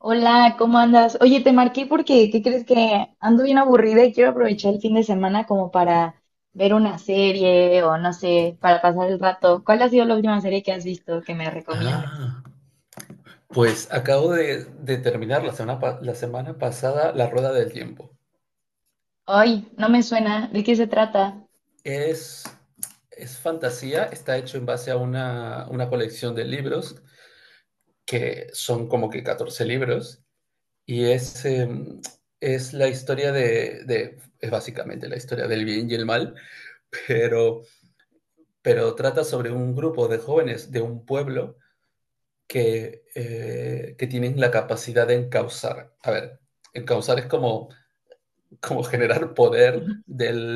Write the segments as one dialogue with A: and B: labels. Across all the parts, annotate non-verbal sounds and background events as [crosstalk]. A: Hola, ¿cómo andas? Oye, te marqué porque, ¿qué crees? Que ando bien aburrida y quiero aprovechar el fin de semana como para ver una serie o no sé, para pasar el rato. ¿Cuál ha sido la última serie que has visto que me recomiendes?
B: Ah, pues acabo de terminar la semana pasada La Rueda del Tiempo.
A: Ay, no me suena. ¿De qué se trata?
B: Es, es fantasía, está hecho en base a una colección de libros, que son como que 14 libros, y es, es la historia es básicamente la historia del bien y el mal, pero, pero trata sobre un grupo de jóvenes de un pueblo que tienen la capacidad de encauzar. A ver, encauzar es como como generar poder
A: [laughs]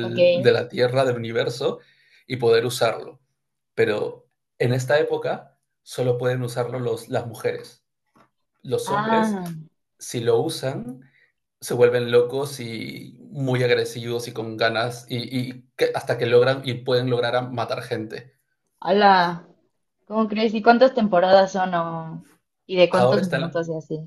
A: Ok.
B: de la Tierra, del universo, y poder usarlo. Pero en esta época solo pueden usarlo las mujeres. Los hombres,
A: Ah,
B: si lo usan, se vuelven locos y muy agresivos y con ganas, hasta que logran y pueden lograr matar gente.
A: hola. ¿Cómo crees? ¿Y cuántas temporadas son o y de
B: Ahora
A: cuántos
B: están
A: minutos y así?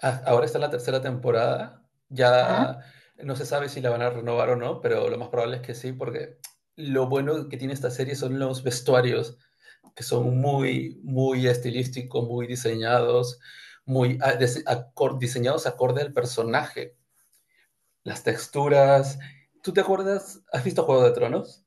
B: Ah, ahora está en la tercera temporada. Ya no se sabe si la van a renovar o no, pero lo más probable es que sí, porque lo bueno que tiene esta serie son los vestuarios, que son muy, muy estilísticos, muy diseñados, muy a- dise- acor- diseñados acorde al personaje, las texturas. ¿Tú te acuerdas? ¿Has visto Juego de Tronos?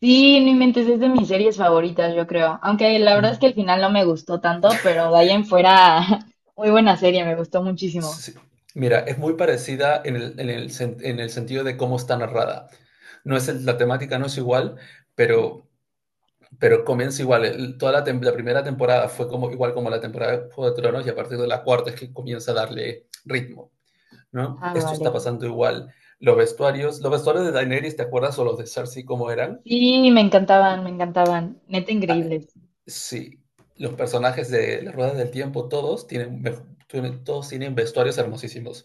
A: Sí, no inventes, es de mis series favoritas, yo creo. Aunque la verdad es que el
B: Mm,
A: final no me gustó tanto, pero de ahí en fuera, [laughs] muy buena serie, me gustó muchísimo.
B: sí. Mira, es muy parecida en el sentido de cómo está narrada. No es el- La temática no es igual, pero pero comienza igual, la primera temporada fue como, igual como la temporada de Juego de Tronos y a partir de la cuarta es que comienza a darle ritmo, ¿no?
A: Ah,
B: Esto está
A: vale.
B: pasando igual. Los vestuarios de Daenerys, ¿te acuerdas? O los de Cersei, ¿cómo eran?
A: Sí, me encantaban, me encantaban. Neta
B: Ah,
A: increíbles.
B: sí, los personajes de las Ruedas del Tiempo, todos tienen, todos tienen vestuarios hermosísimos.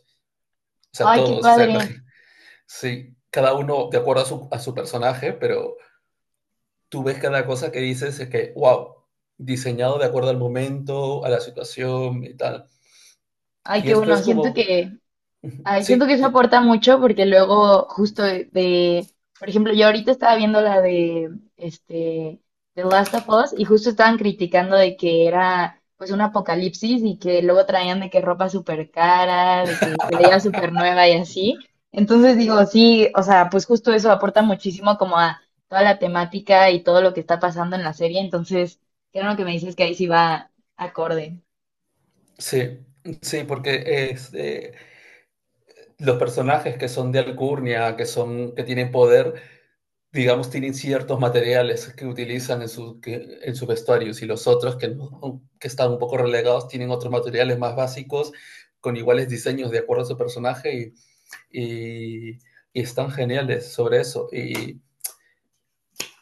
B: O sea,
A: Ay, qué
B: todos, o sea, [laughs]
A: padre.
B: sí, cada uno de acuerdo a a su personaje, pero tú ves cada cosa que dices es que, wow, diseñado de acuerdo al momento, a la situación y tal.
A: Ay,
B: Y
A: qué
B: esto
A: bueno.
B: es
A: Siento
B: como,
A: que, ay, siento que
B: sí,
A: eso aporta mucho porque luego justo por ejemplo, yo ahorita estaba viendo la de este The Last of Us y justo estaban criticando de que era pues un apocalipsis y que luego traían de que ropa súper cara, de que se veía súper nueva y así. Entonces digo, sí, o sea, pues justo eso aporta muchísimo como a toda la temática y todo lo que está pasando en la serie. Entonces, creo que me dices que ahí sí va acorde.
B: sí, sí, porque es, los personajes que son de alcurnia, que tienen poder, digamos, tienen ciertos materiales que utilizan en sus vestuarios y si los otros que, no, que están un poco relegados tienen otros materiales más básicos con iguales diseños de acuerdo a su personaje y, y, y están geniales sobre eso. Y,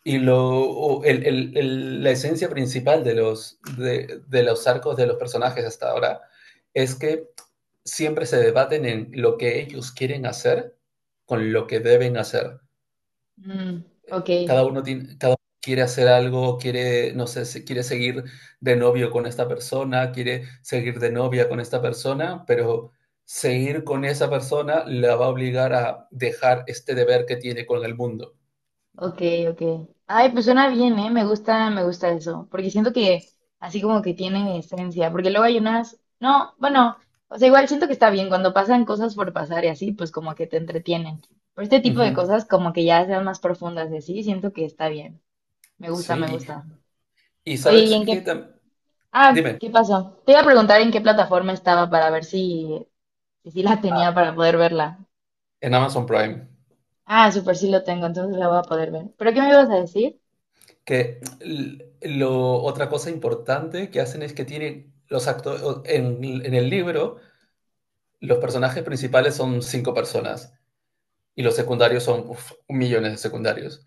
B: Y lo, la esencia principal de de los arcos de los personajes hasta ahora es que siempre se debaten en lo que ellos quieren hacer con lo que deben hacer.
A: Mm, ok.
B: Cada uno tiene, cada uno quiere hacer algo, quiere, no sé, quiere seguir de novio con esta persona, quiere seguir de novia con esta persona, pero seguir con esa persona la va a obligar a dejar este deber que tiene con el mundo, ¿no?
A: Ok, ok. Ay, pues suena bien, ¿eh? Me gusta eso, porque siento que así como que tiene esencia, porque luego hay unas, no, bueno, o sea, igual siento que está bien cuando pasan cosas por pasar y así, pues como que te entretienen. Pero este tipo de
B: Ujú.
A: cosas como que ya sean más profundas y así, siento que está bien. Me gusta, me
B: Sí,
A: gusta.
B: Y
A: Oye, ¿y
B: sabes
A: en
B: qué
A: qué?
B: tam
A: Ah,
B: dime.
A: ¿qué pasó? Te iba a preguntar en qué plataforma estaba para ver si, si sí la
B: Ah,
A: tenía para poder verla.
B: en Amazon Prime.
A: Ah, súper, sí lo tengo, entonces la voy a poder ver. ¿Pero qué me ibas a decir?
B: Que l Lo otra cosa importante que hacen es que tienen los actores en el libro, los personajes principales son 5 personas y los secundarios son, uf, millones de secundarios.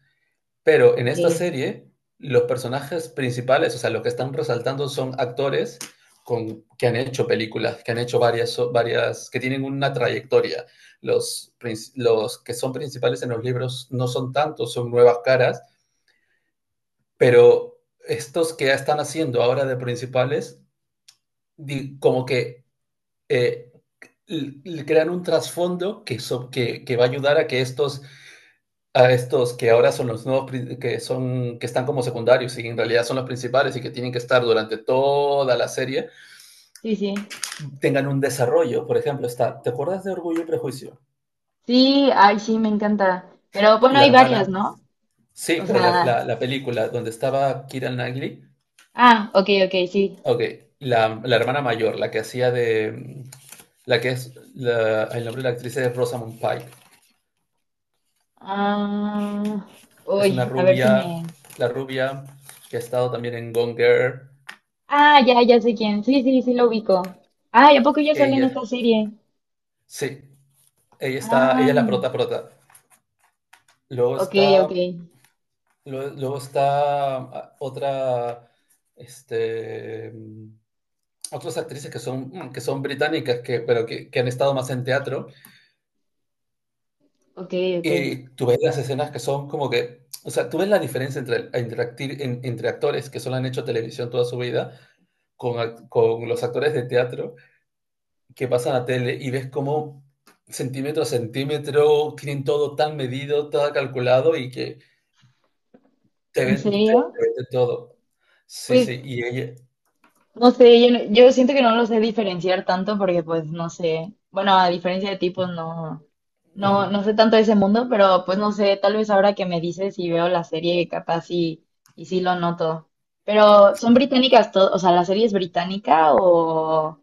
B: Pero en
A: Ok,
B: esta serie, los personajes principales, o sea, lo que están resaltando son actores que han hecho películas, que han hecho varias, so, varias, que tienen una trayectoria. Los, los que son principales en los libros no son tantos, son nuevas caras, pero estos que ya están haciendo ahora de principales, como que eh, crean un trasfondo que va a ayudar a que estos a estos que ahora son los nuevos, que están como secundarios y en realidad son los principales y que tienen que estar durante toda la serie,
A: sí, sí.
B: tengan un desarrollo. Por ejemplo, está, ¿te acuerdas de Orgullo y Prejuicio?
A: Sí, ay, sí, me encanta. Pero bueno,
B: La
A: hay varias,
B: hermana,
A: ¿no?
B: sí,
A: O
B: pero
A: sea,
B: la película donde estaba Kira Knightley,
A: ah, ok, ok, sí.
B: ok, la hermana mayor, la que hacía de, la que es, la- el nombre de la actriz es Rosamund Pike,
A: Ah,
B: es una
A: uy, a ver si
B: rubia,
A: me.
B: la rubia que ha estado también en Gone Girl,
A: Ah, ya, ya sé quién. Sí, sí, sí lo ubico. Ay, ¿a poco ya sale en esta
B: ella,
A: serie?
B: sí, ella está,
A: Ah,
B: ella es la prota prota. Luego
A: ok, ok,
B: está, luego está ah, otra, este, mm, otras actrices que son, que son británicas, que han estado más en teatro,
A: ok, ok.
B: y tú ves las escenas que son como que, o sea, tú ves la diferencia entre, el- entre, acti- en- entre actores que solo han hecho televisión toda su vida, con los actores de teatro que pasan a tele y ves cómo centímetro a centímetro tienen todo tan medido, todo calculado y que te
A: ¿En
B: ven, te
A: serio?
B: te venden todo. Sí,
A: Pues
B: sí, y ella,
A: no sé, yo, yo siento que no lo sé diferenciar tanto porque pues no sé, bueno, a diferencia de ti pues no,
B: Ujú.
A: no, no sé tanto de ese mundo, pero pues no sé, tal vez ahora que me dices y veo la serie capaz y sí lo noto. Pero son británicas todas, o sea, ¿la serie es británica o...?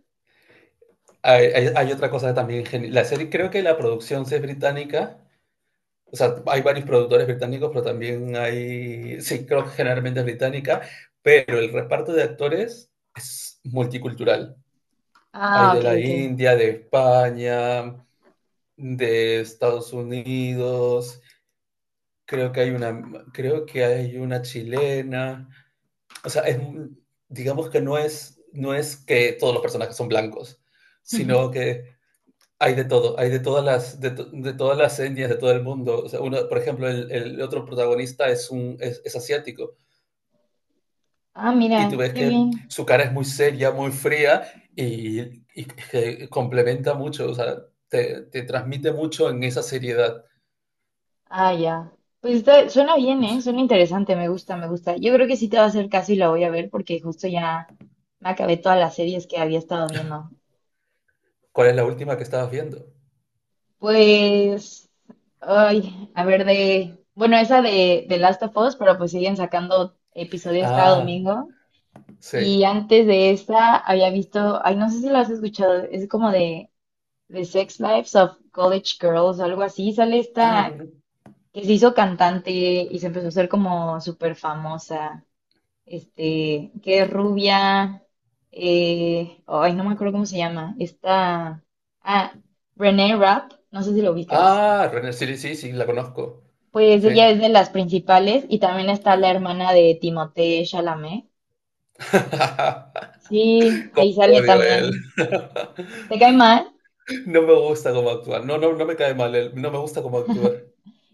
B: Hay otra cosa también La serie, creo que la producción sí es británica. O sea, hay varios productores británicos, pero también hay, sí, creo que generalmente es británica, pero el reparto de actores es multicultural. Hay
A: Ah,
B: de
A: ok,
B: la
A: ok.
B: India, de España, de Estados Unidos, creo que hay una, creo que hay una chilena. O sea, es, digamos que no es, no es que todos los personajes son blancos, sino que Hay de todo, hay de todas las, de todas las etnias, de todo el mundo. O sea, uno, por ejemplo, el otro protagonista es asiático
A: Ah,
B: y tú
A: mira,
B: ves
A: qué
B: que
A: bien.
B: su cara es muy seria, muy fría y que complementa mucho, o sea, te transmite mucho en esa seriedad.
A: Ah, ya. Suena bien, ¿eh? Suena interesante, me gusta, me gusta. Yo creo que sí te va a hacer caso y la voy a ver porque justo ya me acabé todas las series que había estado viendo.
B: ¿Cuál es la última que estabas viendo?
A: Pues, ay, a ver, bueno, esa de Last of Us, pero pues siguen sacando episodios cada
B: Ah,
A: domingo.
B: sí.
A: Y antes de esa había visto, ay, no sé si lo has escuchado, es como de Sex Lives of College Girls o algo así. Sale
B: Ah,
A: esta
B: no, no.
A: que se hizo cantante y se empezó a hacer como súper famosa, este, que es rubia, ay, no me acuerdo cómo se llama, esta, ah, Renee Rapp, no sé si lo ubicas.
B: Ah, René, sí, sí, sí, la conozco.
A: Pues ella
B: Sí.
A: es de las principales y también está la
B: Ah.
A: hermana de Timothée Chalamet. Sí,
B: [laughs] Cómo
A: ahí
B: lo
A: sale
B: odio a él.
A: también.
B: [laughs]
A: ¿Te cae mal?
B: No me gusta cómo actuar No, no, no me cae mal. Él. No me gusta cómo actúa.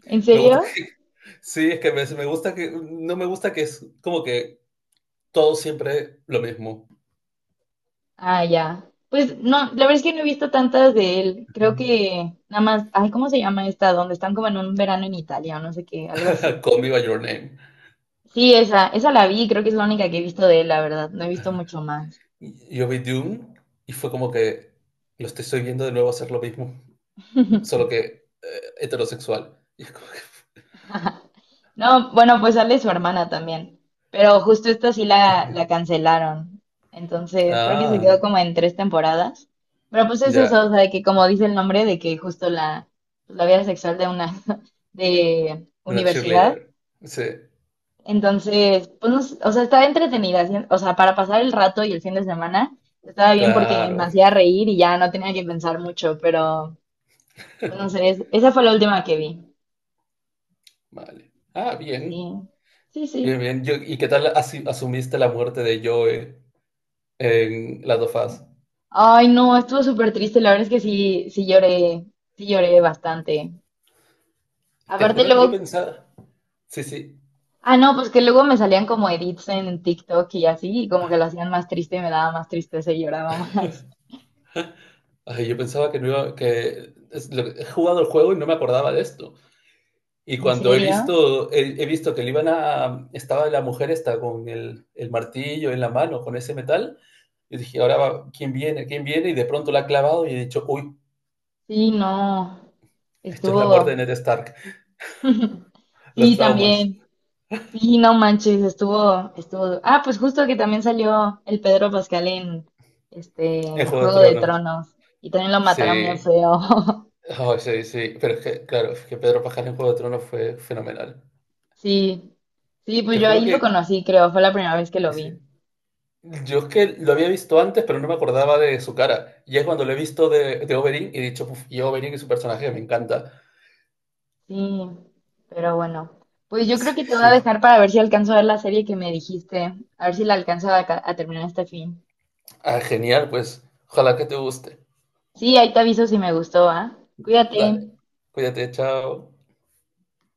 A: ¿En
B: Me
A: serio?
B: gusta. [laughs] Sí, es que me gusta que. No me gusta que es como que todo siempre lo mismo.
A: Ah, ya. Pues no, la verdad es que no he visto tantas de él. Creo
B: [laughs]
A: que nada más, ay, ¿cómo se llama esta? Donde están como en un verano en Italia o no sé qué, algo así.
B: Call me by your name.
A: Sí, esa la vi, creo que es la única que he visto de él, la verdad. No he visto mucho más.
B: Yo vi Dune y fue como que lo estoy viendo de nuevo hacer lo mismo, solo que heterosexual. Y es como que.
A: No, bueno, pues sale su hermana también, pero justo esta sí la
B: [laughs]
A: cancelaron. Entonces, creo que se quedó
B: Ah,
A: como en tres temporadas. Pero pues es
B: ya.
A: eso, o sea, de que como dice el nombre, de que justo la, pues, la vida sexual de una [laughs] de
B: Una
A: universidad.
B: cheerleader. Sí,
A: Entonces, pues no sé, o sea, estaba entretenida, ¿sí? O sea, para pasar el rato y el fin de semana, estaba bien porque me
B: claro.
A: hacía reír y ya no tenía que pensar mucho, pero bueno, no sé,
B: [laughs]
A: esa fue la última que vi.
B: Vale. Ah,
A: Sí,
B: bien.
A: sí,
B: Bien,
A: sí.
B: bien. ¿Y qué tal asumiste la muerte de Joe? En las dos fases.
A: Ay, no, estuvo súper triste. La verdad es que sí, sí lloré bastante.
B: Te
A: Aparte
B: juro que
A: luego,
B: yo pensaba, sí, sí,
A: ah, no, pues que luego me salían como edits en TikTok y así, y como que lo hacían más triste y me daba más tristeza y lloraba más.
B: Ay, yo pensaba que no iba, he jugado el juego y no me acordaba de esto. Y
A: [laughs] ¿En
B: cuando he
A: serio?
B: visto, he visto que le iban a, estaba la mujer esta con el martillo en la mano, con ese metal, y dije, ¿quién viene? ¿Quién viene? Y de pronto la ha clavado y he dicho, uy,
A: Sí, no,
B: esto es la muerte de
A: estuvo,
B: Ned Stark, los
A: sí,
B: traumas
A: también. Sí, no manches, estuvo, estuvo. Ah, pues justo que también salió el Pedro Pascal en
B: en
A: este
B: Juego de
A: Juego de
B: Tronos.
A: Tronos y también lo mataron bien
B: Sí,
A: feo. [laughs]
B: ay, sí, sí, pero es que, claro, es que Pedro Pascal en Juego de Tronos fue fenomenal.
A: Sí, sí, pues
B: Te
A: yo
B: juro
A: ahí lo
B: que...
A: conocí, creo, fue la primera vez que lo vi.
B: Yo es que lo había visto antes, pero no me acordaba de su cara. Y es cuando lo he visto de Oberyn y he dicho, "Uf, y Oberyn y su personaje me encanta".
A: Sí, pero bueno, pues yo
B: Sí,
A: creo que te voy a
B: sí. Sí.
A: dejar para ver si alcanzo a ver la serie que me dijiste, a ver si la alcanzo a, a terminar este fin.
B: Ah, genial, pues ojalá que te guste.
A: Sí, ahí te aviso si me gustó, ¿ah? Cuídate.
B: Dale, cuídate, chao.